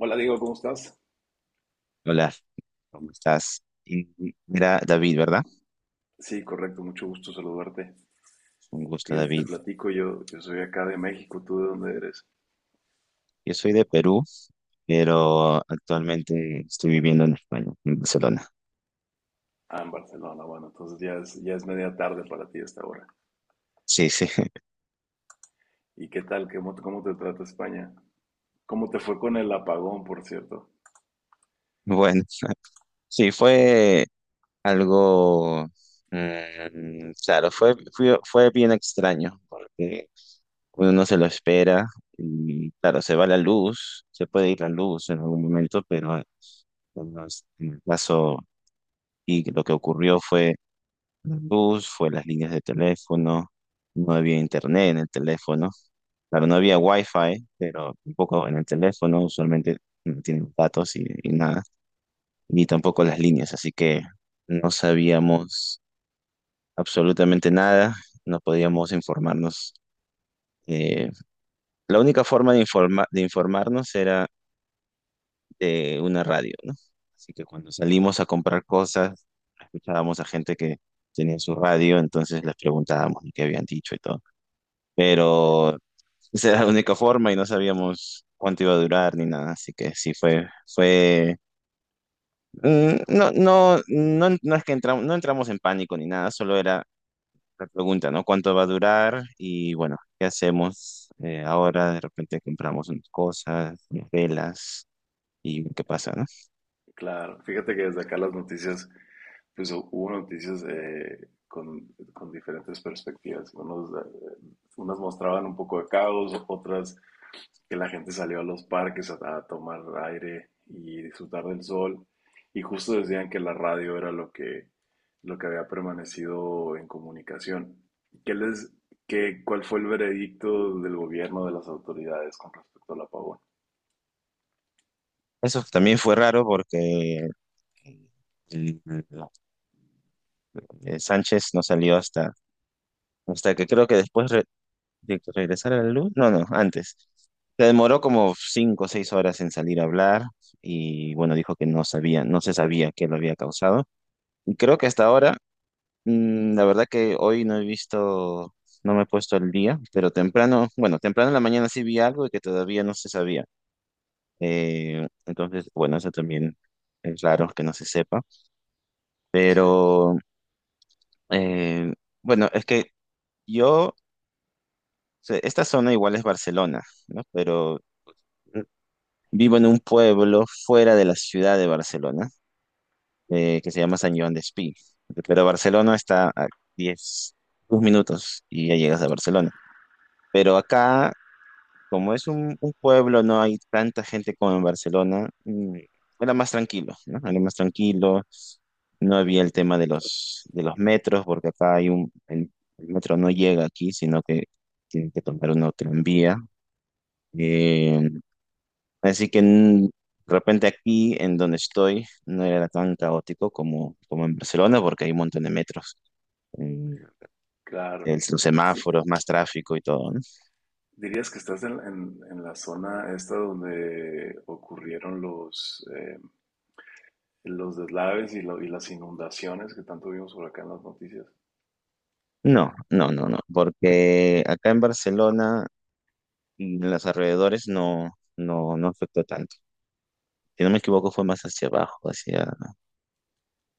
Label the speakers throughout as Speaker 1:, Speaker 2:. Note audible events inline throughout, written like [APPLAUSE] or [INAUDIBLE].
Speaker 1: Hola Diego, ¿cómo estás?
Speaker 2: Hola, ¿cómo estás? Mira, David, ¿verdad?
Speaker 1: Sí, correcto, mucho gusto saludarte.
Speaker 2: Un gusto,
Speaker 1: Fíjate, te
Speaker 2: David.
Speaker 1: platico, yo soy acá de México, ¿tú de dónde eres?
Speaker 2: Yo soy de Perú, pero actualmente estoy viviendo en España, en Barcelona.
Speaker 1: Ah, en Barcelona, bueno, entonces ya es media tarde para ti a esta hora.
Speaker 2: Sí, sí. [LAUGHS]
Speaker 1: ¿Y qué tal? ¿Cómo te trata España? ¿Cómo te fue con el apagón, por cierto?
Speaker 2: Bueno, sí, fue algo, claro, fue bien extraño, porque uno no se lo espera y claro, se va la luz, se puede ir la luz en algún momento, pero en en el caso y lo que ocurrió fue la luz, fue las líneas de teléfono, no había internet en el teléfono. Claro, no había wifi, pero tampoco en el teléfono, usualmente no tienen datos y nada, ni tampoco las líneas, así que no sabíamos absolutamente nada, no podíamos informarnos. eh, la única forma de informarnos era de una radio, ¿no? Así que cuando salimos a comprar cosas, escuchábamos a gente que tenía su radio, entonces les preguntábamos qué habían dicho y todo. Pero esa era la única forma y no sabíamos cuánto iba a durar ni nada, así que sí fue, no, no, no, no es que entramos, no entramos en pánico ni nada, solo era la pregunta, ¿no? ¿Cuánto va a durar? Y bueno, ¿qué hacemos ahora? De repente compramos unas cosas, unas velas y qué pasa, ¿no?
Speaker 1: Claro, fíjate que desde acá las noticias, pues hubo noticias con diferentes perspectivas. Unos, unas mostraban un poco de caos, otras que la gente salió a los parques a tomar aire y disfrutar del sol. Y justo decían que la radio era lo que había permanecido en comunicación. ¿Qué les, qué, cuál fue el veredicto del gobierno, de las autoridades con respecto al apagón?
Speaker 2: Eso también fue raro porque el- el Sánchez no salió hasta que creo que después de que regresara la luz, no, no, antes. Se demoró como 5 o 6 horas en salir a hablar y bueno, dijo que no sabía, no se sabía qué lo había causado. Y creo que hasta ahora, la verdad que hoy no he visto, no me he puesto al día, pero temprano, bueno, temprano en la mañana sí vi algo y que todavía no se sabía. Entonces, bueno, eso también es raro que no se sepa,
Speaker 1: Sí,
Speaker 2: pero eh, bueno, es que yo, o sea, esta zona igual es Barcelona, ¿no? Pero vivo en un pueblo fuera de la ciudad de Barcelona, que se llama San Joan Despí. Pero Barcelona está a 10, 2 minutos y ya llegas a Barcelona. Pero acá, como es un pueblo, no hay tanta gente como en Barcelona, era más tranquilo, ¿no? Era más tranquilo. No había el tema de los metros, porque acá hay el metro no llega aquí, sino que tienen que tomar una tranvía. Así que de repente aquí en donde estoy no era tan caótico como en Barcelona porque hay un montón de metros, mm,
Speaker 1: claro.
Speaker 2: los
Speaker 1: Sí.
Speaker 2: semáforos, más tráfico y todo, ¿no?
Speaker 1: ¿Dirías que estás en, en la zona esta donde ocurrieron los deslaves y, y las inundaciones que tanto vimos por acá en las noticias?
Speaker 2: No, no, no, no, porque acá en Barcelona y en los alrededores no, no, no afectó tanto. Si no me equivoco fue más hacia abajo, hacia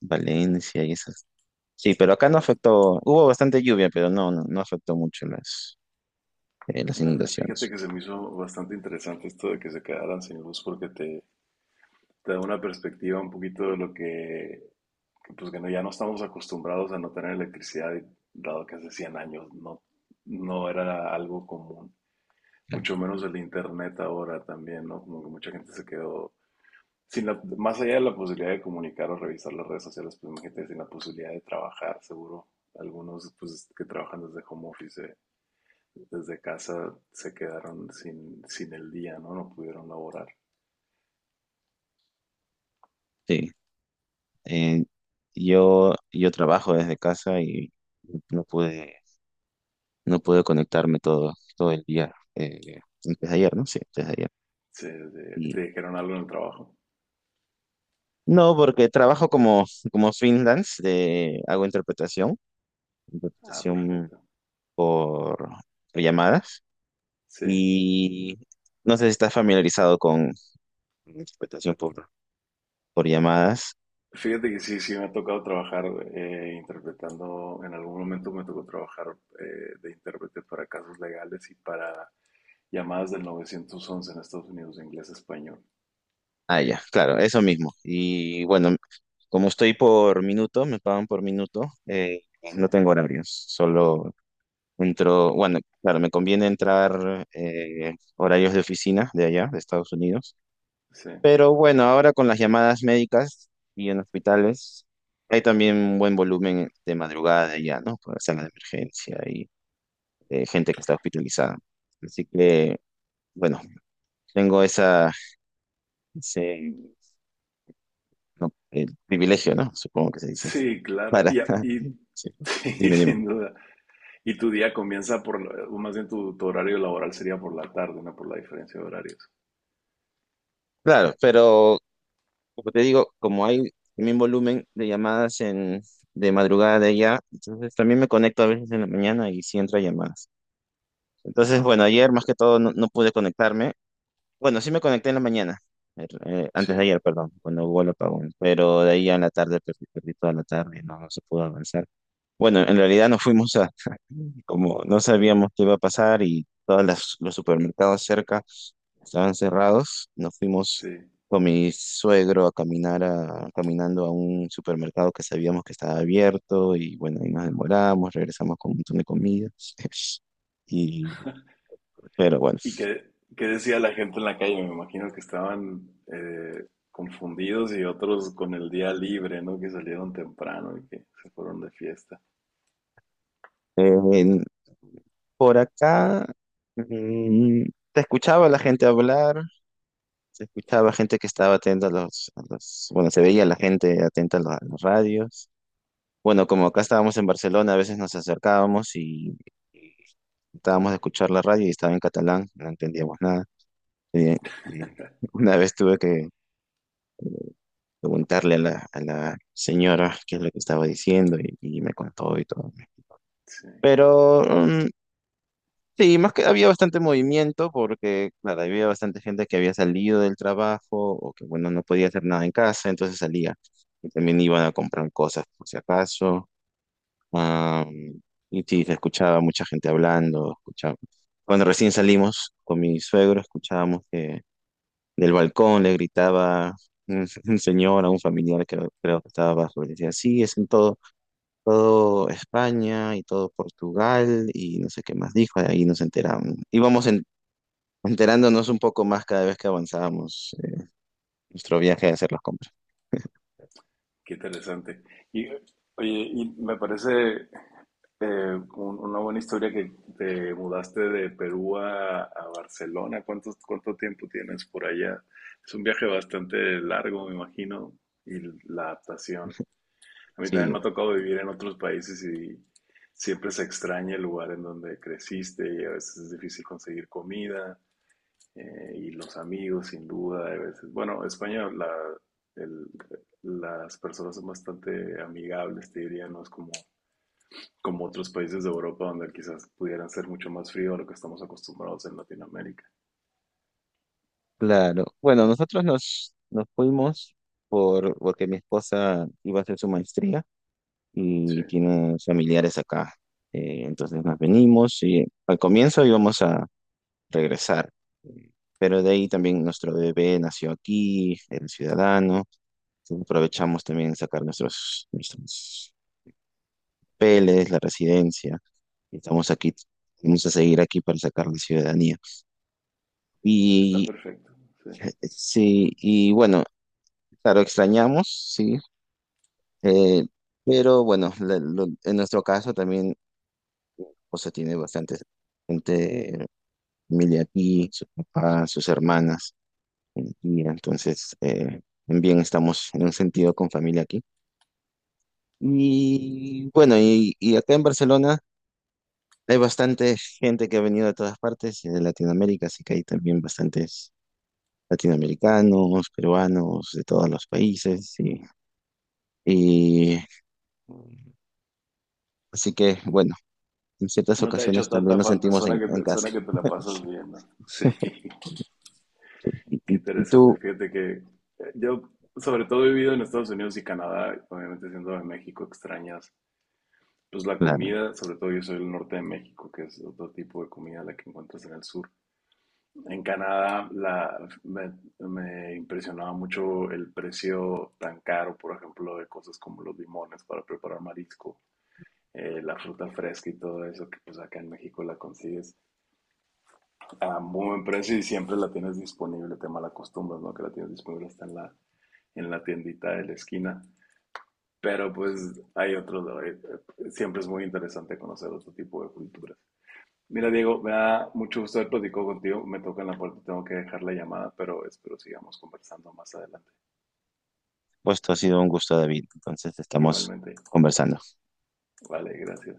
Speaker 2: Valencia y esas. Sí, pero acá no
Speaker 1: Claro.
Speaker 2: afectó, hubo bastante lluvia, pero no, no, no afectó mucho las
Speaker 1: Fíjate
Speaker 2: inundaciones.
Speaker 1: que se me hizo bastante interesante esto de que se quedaran sin luz porque te da una perspectiva un poquito de lo que, pues que no, ya no estamos acostumbrados a no tener electricidad, y dado que hace 100 años no, no era algo común, mucho menos el internet ahora también, ¿no? Como que mucha gente se quedó sin la, más allá de la posibilidad de comunicar o revisar las redes sociales, pues imagínate sin la posibilidad de trabajar, seguro. Algunos pues que trabajan desde home office, desde casa, se quedaron sin, sin el día, ¿no? No pudieron laborar.
Speaker 2: Sí. Eh, yo trabajo desde casa y no pude, no pude conectarme todo, todo el día. Desde ayer, ¿no? Sí, desde ayer.
Speaker 1: Se,
Speaker 2: Y
Speaker 1: ¿Te dijeron algo en el trabajo?
Speaker 2: no, porque trabajo como freelance, hago
Speaker 1: Ah,
Speaker 2: interpretación
Speaker 1: perfecto.
Speaker 2: por, llamadas.
Speaker 1: Sí.
Speaker 2: Y no sé si estás familiarizado con interpretación por llamadas.
Speaker 1: Fíjate que sí, sí me ha tocado trabajar interpretando, en algún momento me tocó trabajar de intérprete para casos legales y para llamadas del 911 en Estados Unidos de inglés a español.
Speaker 2: Ah, ya, claro, eso mismo. Y bueno, como estoy por minuto, me pagan por minuto,
Speaker 1: Sí,
Speaker 2: no tengo horarios, solo entro, bueno, claro, me conviene entrar horarios de oficina de allá, de Estados Unidos,
Speaker 1: sí.
Speaker 2: pero bueno, ahora con las llamadas médicas y en hospitales, hay también un buen volumen de madrugada de allá, ¿no? Por sala de emergencia y gente que está hospitalizada. Así que, bueno, tengo esa, no, el privilegio, ¿no? Supongo que se dice así.
Speaker 1: Sí, claro.
Speaker 2: Para,
Speaker 1: Y, y
Speaker 2: [LAUGHS] sí,
Speaker 1: [LAUGHS] sí,
Speaker 2: dime, dime.
Speaker 1: sin duda. Y tu día comienza por, o más bien tu, tu horario laboral sería por la tarde, no por la diferencia de horarios.
Speaker 2: Claro, pero como te digo, como hay el mismo volumen de llamadas de madrugada de allá, entonces también me conecto a veces en la mañana y sí entro a llamadas. Entonces,
Speaker 1: Ah,
Speaker 2: bueno, ayer más que
Speaker 1: perfecto.
Speaker 2: todo no pude conectarme. Bueno, sí me conecté en la mañana,
Speaker 1: Sí,
Speaker 2: antes de ayer, perdón, cuando hubo el apagón, pero de ahí a la tarde perdí toda la tarde, no se pudo avanzar. Bueno, en realidad nos fuimos a, [LAUGHS] como no sabíamos qué iba a pasar y todos los supermercados cerca estaban cerrados, nos fuimos
Speaker 1: sí.
Speaker 2: con mi suegro caminando a un supermercado que sabíamos que estaba abierto y bueno, ahí nos demoramos, regresamos con un montón de comida. [LAUGHS] Y, pero bueno,
Speaker 1: ¿Y qué, qué decía la gente en la calle? Me imagino que estaban confundidos y otros con el día libre, ¿no? Que salieron temprano y que se fueron de fiesta.
Speaker 2: en- por acá mm, te escuchaba la gente hablar. Se escuchaba gente que estaba atenta a bueno, se veía la gente atenta a a las radios. Bueno, como acá estábamos en Barcelona, a veces nos acercábamos y tratábamos de escuchar la radio y estaba en catalán, no entendíamos nada. Eh, eh, una vez tuve que preguntarle a la señora qué es lo que estaba diciendo y me contó y todo.
Speaker 1: Sí,
Speaker 2: Pero sí, más que había bastante movimiento porque, claro, había bastante gente que había salido del trabajo o que, bueno, no podía hacer nada en casa, entonces salía. Y también iban a comprar cosas por si acaso. Am, y sí, se escuchaba mucha gente hablando, escuchaba. Cuando recién salimos con mi suegro, escuchábamos que del balcón le gritaba un, [LAUGHS] un señor a un familiar que creo que estaba abajo y decía, sí, es en todo, todo España y todo Portugal y no sé qué más dijo, ahí nos enteramos. Íbamos enterándonos un poco más cada vez que avanzábamos nuestro viaje de hacer las compras.
Speaker 1: qué interesante. Y, oye, y me parece una buena historia que te mudaste de Perú a Barcelona. ¿Cuánto, cuánto tiempo tienes por allá? Es un viaje bastante largo, me imagino, y la adaptación. A mí también
Speaker 2: Sí,
Speaker 1: me ha tocado vivir en otros países y siempre se extraña el lugar en donde creciste y a veces es difícil conseguir comida y los amigos, sin duda. A veces, bueno, España, la, el- las personas son bastante amigables, te diría, no es como, como otros países de Europa donde quizás pudieran ser mucho más frío a lo que estamos acostumbrados en Latinoamérica.
Speaker 2: claro. Bueno, nosotros nos fuimos porque mi esposa iba a hacer su maestría
Speaker 1: Sí,
Speaker 2: y tiene familiares acá. Entonces nos venimos y al comienzo íbamos a regresar, eh, pero de ahí también nuestro bebé nació aquí, el ciudadano. Entonces aprovechamos también sacar nuestros papeles, la residencia. Estamos aquí, vamos a seguir aquí para sacar la ciudadanía.
Speaker 1: está
Speaker 2: Y
Speaker 1: perfecto. Sí.
Speaker 2: sí, y bueno, claro, extrañamos, sí, eh, pero bueno, en nuestro caso también, o sea, tiene bastante gente, familia aquí, su papá, sus hermanas, y entonces también estamos en un sentido con familia aquí. Y bueno, y acá en Barcelona hay bastante gente que ha venido de todas partes, de Latinoamérica, así que hay también bastante latinoamericanos, peruanos, de todos los países. Y así que, bueno, en ciertas
Speaker 1: No te ha hecho
Speaker 2: ocasiones también
Speaker 1: tanta
Speaker 2: nos
Speaker 1: falta,
Speaker 2: sentimos en, en casa.
Speaker 1: suena que te la pasas bien, ¿no? Sí.
Speaker 2: [LAUGHS] Y,
Speaker 1: Qué
Speaker 2: y- y
Speaker 1: interesante.
Speaker 2: tú,
Speaker 1: Fíjate que yo, sobre todo, he vivido en Estados Unidos y Canadá, obviamente siendo de México, extrañas. Pues la
Speaker 2: claro,
Speaker 1: comida, sobre todo yo soy del norte de México, que es otro tipo de comida la que encuentras en el sur. En Canadá la, me impresionaba mucho el precio tan caro, por ejemplo, de cosas como los limones para preparar marisco, la fruta fresca y todo eso, que pues acá en México la consigues a muy buen precio y siempre la tienes disponible, te malacostumbras, ¿no? Que la tienes disponible hasta en la tiendita de la esquina. Pero pues hay otros, siempre es muy interesante conocer otro tipo de culturas. Mira, Diego, me da mucho gusto haber platicado contigo. Me toca en la puerta, tengo que dejar la llamada, pero espero sigamos conversando más adelante.
Speaker 2: pues esto ha sido un gusto, David. Entonces estamos
Speaker 1: Igualmente.
Speaker 2: conversando.
Speaker 1: Vale, gracias.